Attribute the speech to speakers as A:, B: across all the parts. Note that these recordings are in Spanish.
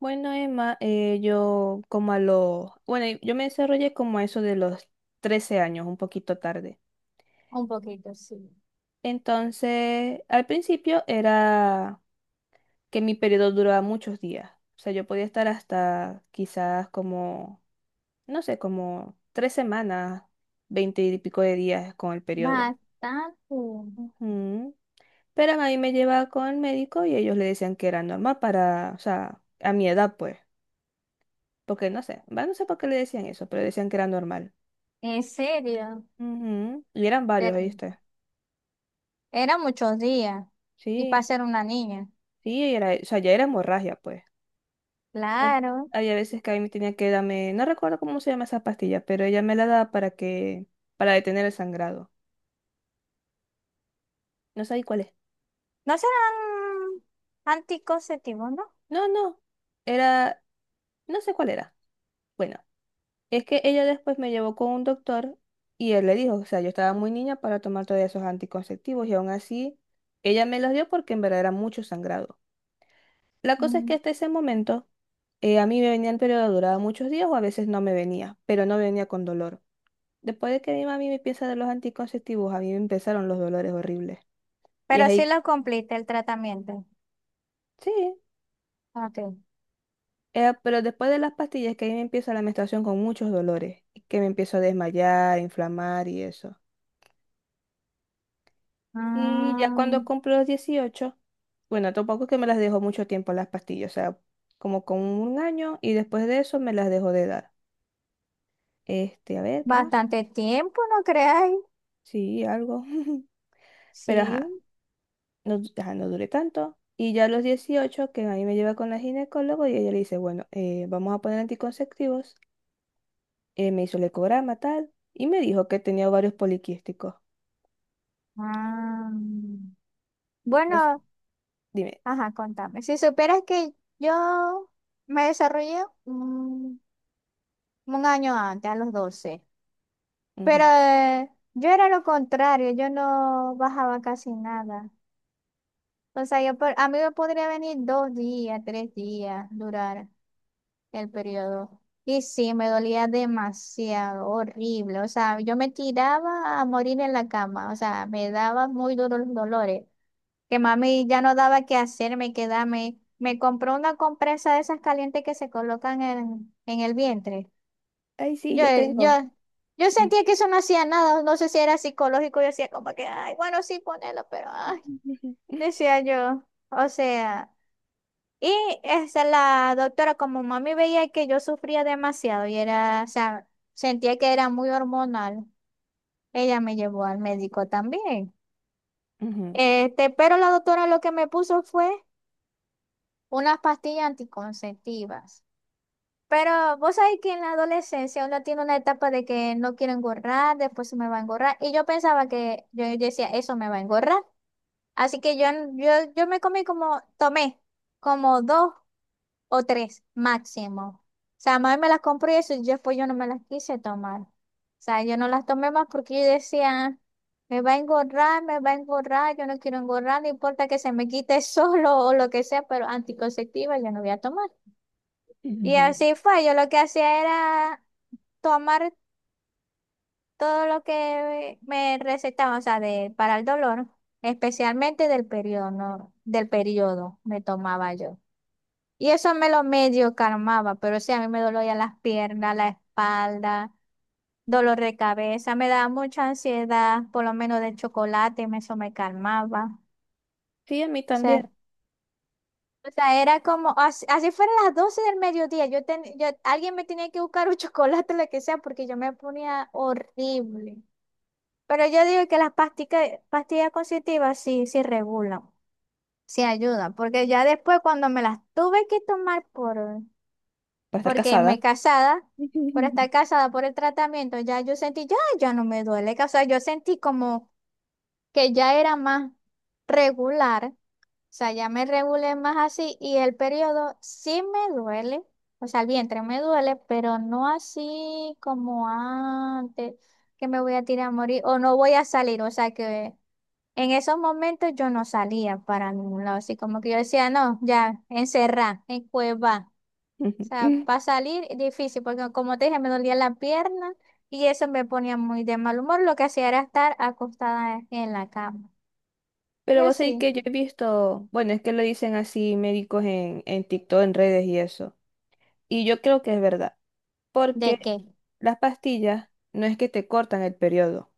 A: Bueno, Emma, yo como a los, bueno, yo me desarrollé como a eso de los 13 años, un poquito tarde.
B: Un poquito, sí.
A: Entonces, al principio era que mi periodo duraba muchos días. O sea, yo podía estar hasta quizás como, no sé, como tres semanas, veinte y pico de días con el periodo.
B: Bastante.
A: Ujú. Pero a mí me llevaba con el médico y ellos le decían que era normal para, o sea, a mi edad, pues. Porque no sé, va, no sé por qué le decían eso, pero decían que era normal.
B: En serio.
A: Ujú, y eran varios,
B: Pero
A: ¿oíste?
B: eran muchos días. Y para
A: Sí,
B: ser una niña.
A: sí, era, o sea, ya era hemorragia, pues. Pues,
B: Claro.
A: había veces que a mí me tenía que darme, no recuerdo cómo se llama esa pastilla, pero ella me la daba para que, para detener el sangrado. No sabía cuál es.
B: No serán anticonceptivos, ¿no?
A: No, no, era, no sé cuál era. Bueno, es que ella después me llevó con un doctor y él le dijo, o sea, yo estaba muy niña para tomar todavía esos anticonceptivos y aún así, ella me los dio porque en verdad era mucho sangrado. La cosa es que
B: Ujú.
A: hasta ese momento a mí me venía el periodo, duraba muchos días o a veces no me venía, pero no venía con dolor. Después de que mi mami me empieza a dar los anticonceptivos, a mí me empezaron los dolores horribles. Y es
B: Pero sí
A: ahí,
B: lo completa el tratamiento.
A: sí,
B: Ok.
A: pero después de las pastillas que ahí me empieza la menstruación con muchos dolores, y que me empiezo a desmayar, inflamar y eso. Y ya
B: Ah,
A: cuando cumplo los dieciocho, bueno, tampoco es que me las dejo mucho tiempo las pastillas, o sea, como con un año y después de eso me las dejo de dar. Este, a ver, ¿qué más?
B: bastante tiempo, ¿no creáis?
A: Sí, algo. Pero
B: Sí.
A: ajá, no, ajá, no duré tanto. Y ya a los 18 que a mí me lleva con la ginecólogo y ella le dice, bueno, vamos a poner anticonceptivos. Me hizo el ecograma, tal, y me dijo que tenía ovarios poliquísticos.
B: Ah.
A: Entonces,
B: Bueno,
A: dime,
B: ajá, contame. Si supieras que yo me desarrollé un año antes, a los 12. Pero
A: ujú.
B: yo era lo contrario, yo no bajaba casi nada. O sea, a mí me podría venir 2 días, 3 días, durar el periodo. Y sí, me dolía demasiado, horrible. O sea, yo me tiraba a morir en la cama. O sea, me daba muy duros los dolores. Que mami ya no daba qué hacerme, quedarme. Me compró una compresa de esas calientes que se colocan en el vientre.
A: Ay, sí,
B: Yo,
A: yo
B: yo,
A: tengo.
B: yo sentía que eso no hacía nada, no sé si era psicológico, yo decía como que, ay, bueno, sí, ponelo, pero, ay,
A: Ujú.
B: decía yo, o sea, y esa, la doctora como mami veía que yo sufría demasiado y era, o sea, sentía que era muy hormonal, ella me llevó al médico también,
A: Ujú.
B: este, pero la doctora lo que me puso fue unas pastillas anticonceptivas. Pero vos sabés que en la adolescencia uno tiene una etapa de que no quiero engordar, después se me va a engorrar. Y yo pensaba que yo decía, eso me va a engorrar. Así que yo me comí como, tomé como dos o tres máximo. O sea, mami me las compró y eso, y yo después yo no me las quise tomar. O sea, yo no las tomé más porque yo decía, me va a engorrar, me va a engorrar, yo no quiero engorrar, no importa que se me quite solo o lo que sea, pero anticonceptiva yo no voy a tomar. Y
A: Ujú.
B: así fue, yo lo que hacía era tomar todo lo que me recetaban, o sea, de, para el dolor, especialmente del periodo, ¿no? Del periodo me tomaba yo. Y eso me lo medio calmaba, pero sí, a mí me dolía las piernas, la espalda, dolor de cabeza, me daba mucha ansiedad, por lo menos del chocolate, eso me calmaba.
A: Sí, a mí
B: O sea,
A: también.
B: o sea, era como, así, así fueron las 12 del mediodía, yo, alguien me tenía que buscar un chocolate, lo que sea, porque yo me ponía horrible. Pero yo digo que las pastillas constitutivas sí, sí regulan, sí ayudan, porque ya después cuando me las tuve que tomar
A: Para estar
B: porque
A: casada.
B: me casada, por estar casada por el tratamiento, ya yo sentí, ya, ya no me duele, o sea, yo sentí como que ya era más regular, o sea, ya me regulé más así y el periodo sí me duele, o sea, el vientre me duele, pero no así como antes, que me voy a tirar a morir o no voy a salir, o sea, que... En esos momentos yo no salía para ningún lado, así como que yo decía, no, ya, encerrá, en cueva. O sea,
A: Ujú.
B: para salir difícil, porque como te dije, me dolía la pierna y eso me ponía muy de mal humor. Lo que hacía era estar acostada en la cama. Y
A: Pero vos sabés
B: así,
A: que yo he visto, bueno, es que lo dicen así médicos en TikTok, en redes y eso. Y yo creo que es verdad,
B: ¿de
A: porque
B: qué?
A: las pastillas no es que te cortan el periodo,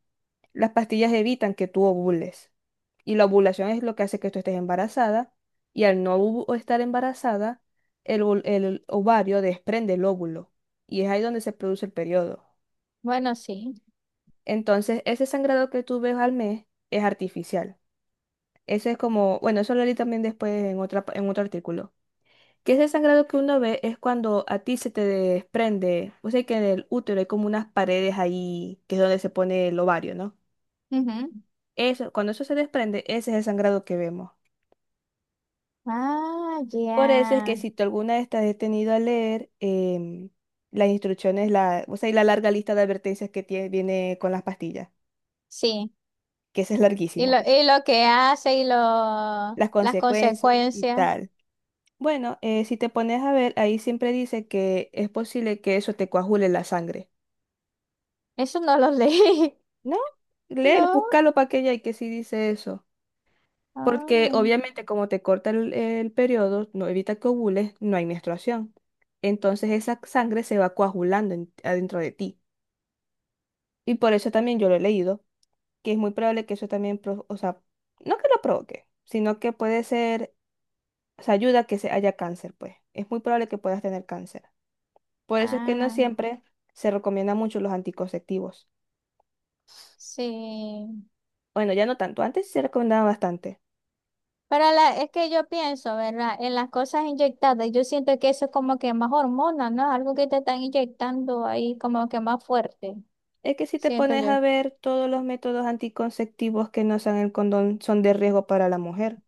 A: las pastillas evitan que tú ovules. Y la ovulación es lo que hace que tú estés embarazada y al no ovu- estar embarazada, el, el ovario desprende el óvulo y es ahí donde se produce el periodo.
B: Bueno, sí.
A: Entonces, ese sangrado que tú ves al mes es artificial. Eso es como, bueno, eso lo leí también después en otra, en otro artículo. Que ese sangrado que uno ve es cuando a ti se te desprende, o sea que en el útero hay como unas paredes ahí, que es donde se pone el ovario, ¿no?
B: Ujú.
A: Eso, cuando eso se desprende, ese es el sangrado que vemos.
B: Ah, ya.
A: Por eso es que si tú alguna vez te has detenido a leer las instrucciones, la, o sea, y la larga lista de advertencias que tiene, viene con las pastillas,
B: Sí.
A: que ese es
B: Y lo,
A: larguísimo,
B: y lo que hace y lo,
A: las
B: las
A: consecuencias y
B: consecuencias,
A: tal. Bueno, si te pones a ver, ahí siempre dice que es posible que eso te coagule la sangre.
B: eso no lo leí.
A: No, léelo,
B: No.
A: búscalo para que haya y que sí dice eso. Porque
B: Ah.
A: obviamente como te corta el periodo, no evita que ovules, no hay menstruación. Entonces esa sangre se va coagulando adentro de ti. Y por eso también yo lo he leído, que es muy probable que eso también, o sea, no que lo provoque, sino que puede ser, o sea, ayuda a que se haya cáncer, pues. Es muy probable que puedas tener cáncer. Por eso es que no
B: Ah.
A: siempre se recomiendan mucho los anticonceptivos.
B: Sí,
A: Bueno, ya no tanto, antes sí se recomendaban bastante.
B: para la, es que yo pienso, ¿verdad? En las cosas inyectadas, yo siento que eso es como que más hormona, ¿no? Algo que te están inyectando ahí como que más fuerte,
A: Es que si te
B: siento
A: pones
B: yo,
A: a ver, todos los métodos anticonceptivos que no sean el condón son de riesgo para la mujer,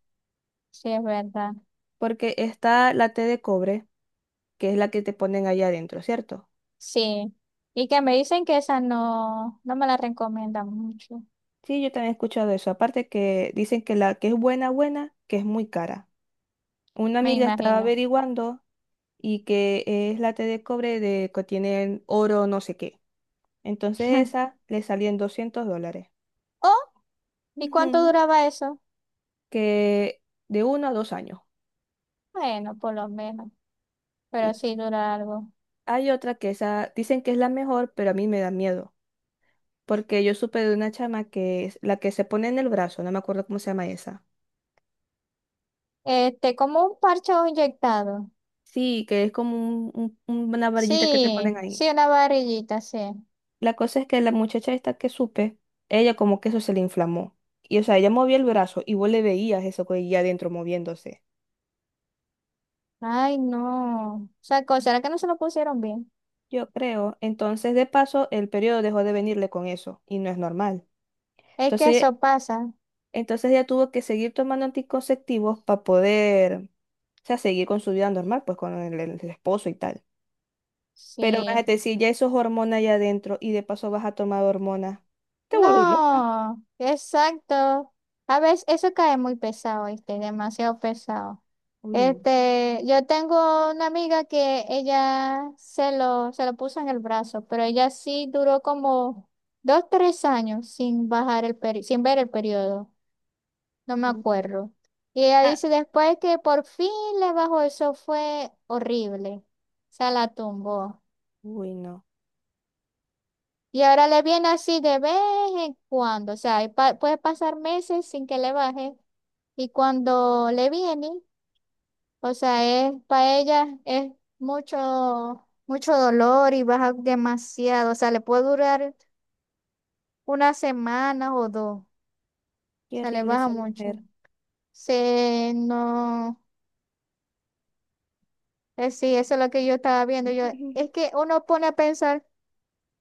B: sí es verdad,
A: porque está la T de cobre, que es la que te ponen allá adentro, ¿cierto?
B: sí. Y que me dicen que esa no, no me la recomiendan mucho,
A: Sí, yo también he escuchado eso. Aparte que dicen que la que es buena, buena, que es muy cara. Una
B: me
A: amiga estaba
B: imagino.
A: averiguando y que es la T de cobre de que tienen oro no sé qué. Entonces esa le salía en $200.
B: Oh, ¿y cuánto
A: Ujú.
B: duraba eso?
A: Que de uno a dos años.
B: Bueno, por lo menos, pero sí dura algo.
A: Hay otra que esa, dicen que es la mejor, pero a mí me da miedo, porque yo supe de una chama que es la que se pone en el brazo, no me acuerdo cómo se llama esa.
B: Este, como un parche inyectado.
A: Sí, que es como una varillita que te ponen
B: Sí,
A: ahí.
B: sí, una varillita, sí.
A: La cosa es que la muchacha esta que supe, ella como que eso se le inflamó. Y o sea, ella movía el brazo y vos le veías eso que ella adentro moviéndose.
B: Ay, no. O sea, ¿será que no se lo pusieron bien?
A: Yo creo, entonces de paso el periodo dejó de venirle con eso y no es normal.
B: Es que
A: Entonces
B: eso pasa.
A: Entonces ella tuvo que seguir tomando anticonceptivos para poder, o sea, seguir con su vida normal, pues con el, el esposo y tal. Pero
B: Sí.
A: imagínate, si ya eso es hormona allá adentro y de paso vas a tomar hormonas, te vuelves loca.
B: No, exacto. A veces eso cae muy pesado, este, demasiado pesado.
A: Uy, no.
B: Este, yo tengo una amiga que ella se lo puso en el brazo, pero ella sí duró como 2, 3 años sin bajar el sin ver el periodo. No me
A: Mm.
B: acuerdo. Y ella
A: Ah,
B: dice después que por fin le bajó, eso fue horrible. Se la tumbó.
A: uy, no.
B: Y ahora le viene así de vez en cuando. O sea, y puede pasar meses sin que le baje. Y cuando le viene, o sea, es para ella es mucho, mucho dolor y baja demasiado. O sea, le puede durar una semana o dos. O
A: Qué
B: sea, le
A: horrible
B: baja
A: esa
B: mucho.
A: mujer.
B: Se no. Sí, eso es lo que yo estaba viendo. Yo, es que uno pone a pensar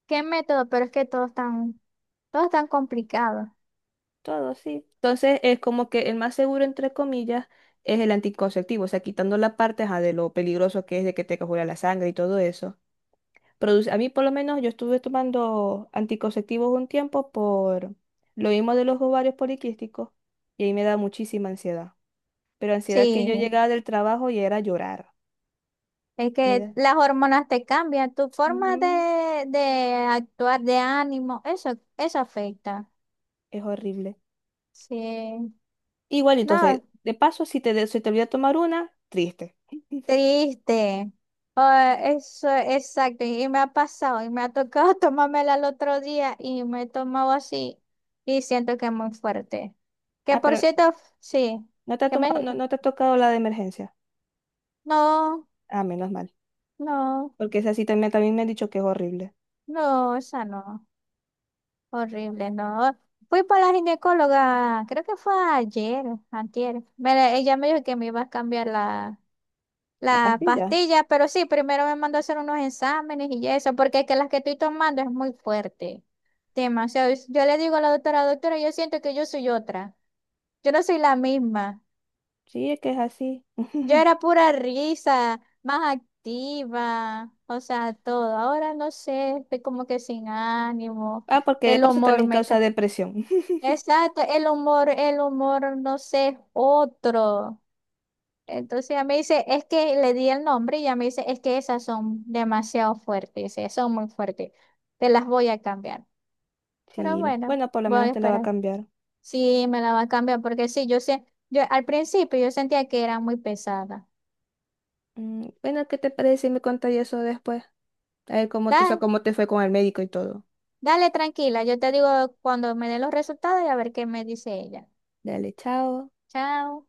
B: qué método, pero es que todos están complicados.
A: Todo, sí. Entonces es como que el más seguro, entre comillas, es el anticonceptivo, o sea, quitando la parte ajá, de lo peligroso que es de que te coagula la sangre y todo eso. A mí por lo menos yo estuve tomando anticonceptivos un tiempo por lo mismo de los ovarios poliquísticos y ahí me da muchísima ansiedad. Pero ansiedad que yo
B: Sí,
A: llegaba del trabajo y era llorar.
B: es
A: Me
B: que
A: da-
B: las hormonas te cambian, tu forma
A: Ujú,
B: de actuar, de ánimo, eso afecta.
A: es horrible.
B: Sí,
A: Igual, entonces,
B: no,
A: de paso, si te, se te olvida tomar una, triste.
B: triste. Ah, eso, exacto, y me ha pasado, y me ha tocado tomármela el otro día, y me he tomado así, y siento que es muy fuerte. Que
A: Ah,
B: por
A: pero
B: cierto, sí,
A: no te ha
B: ¿qué me
A: tomado, no,
B: dijiste?
A: no te ha tocado la de emergencia.
B: No,
A: Ah, menos mal.
B: no,
A: Porque esa sí también, también me han dicho que es horrible.
B: no, esa no, horrible, no. Fui para la ginecóloga, creo que fue ayer, antier. Ella me dijo que me iba a cambiar
A: La
B: la
A: pastilla.
B: pastilla, pero sí, primero me mandó a hacer unos exámenes y eso, porque es que las que estoy tomando es muy fuerte, demasiado. Yo le digo a la doctora, doctora, yo siento que yo soy otra, yo no soy la misma.
A: Sí, es que es así.
B: Yo era pura risa, más activa, o sea, todo. Ahora no sé, estoy como que sin ánimo.
A: Ah, porque de
B: El
A: paso
B: humor
A: también
B: me...
A: causa depresión.
B: Exacto, el humor, no sé, es otro. Entonces ella me dice, es que le di el nombre y ella me dice, es que esas son demasiado fuertes, dice, son muy fuertes. Te las voy a cambiar. Pero
A: Sí,
B: bueno,
A: bueno, por lo
B: voy a
A: menos te la va a
B: esperar.
A: cambiar.
B: Sí, me la va a cambiar porque sí, yo sé, yo al principio yo sentía que era muy pesada.
A: Mm, bueno, ¿qué te parece si me contas eso después? A ver cómo te, o sea, cómo te fue con el médico y todo.
B: Dale, tranquila, yo te digo cuando me den los resultados y a ver qué me dice ella.
A: Dale, chao.
B: Chao.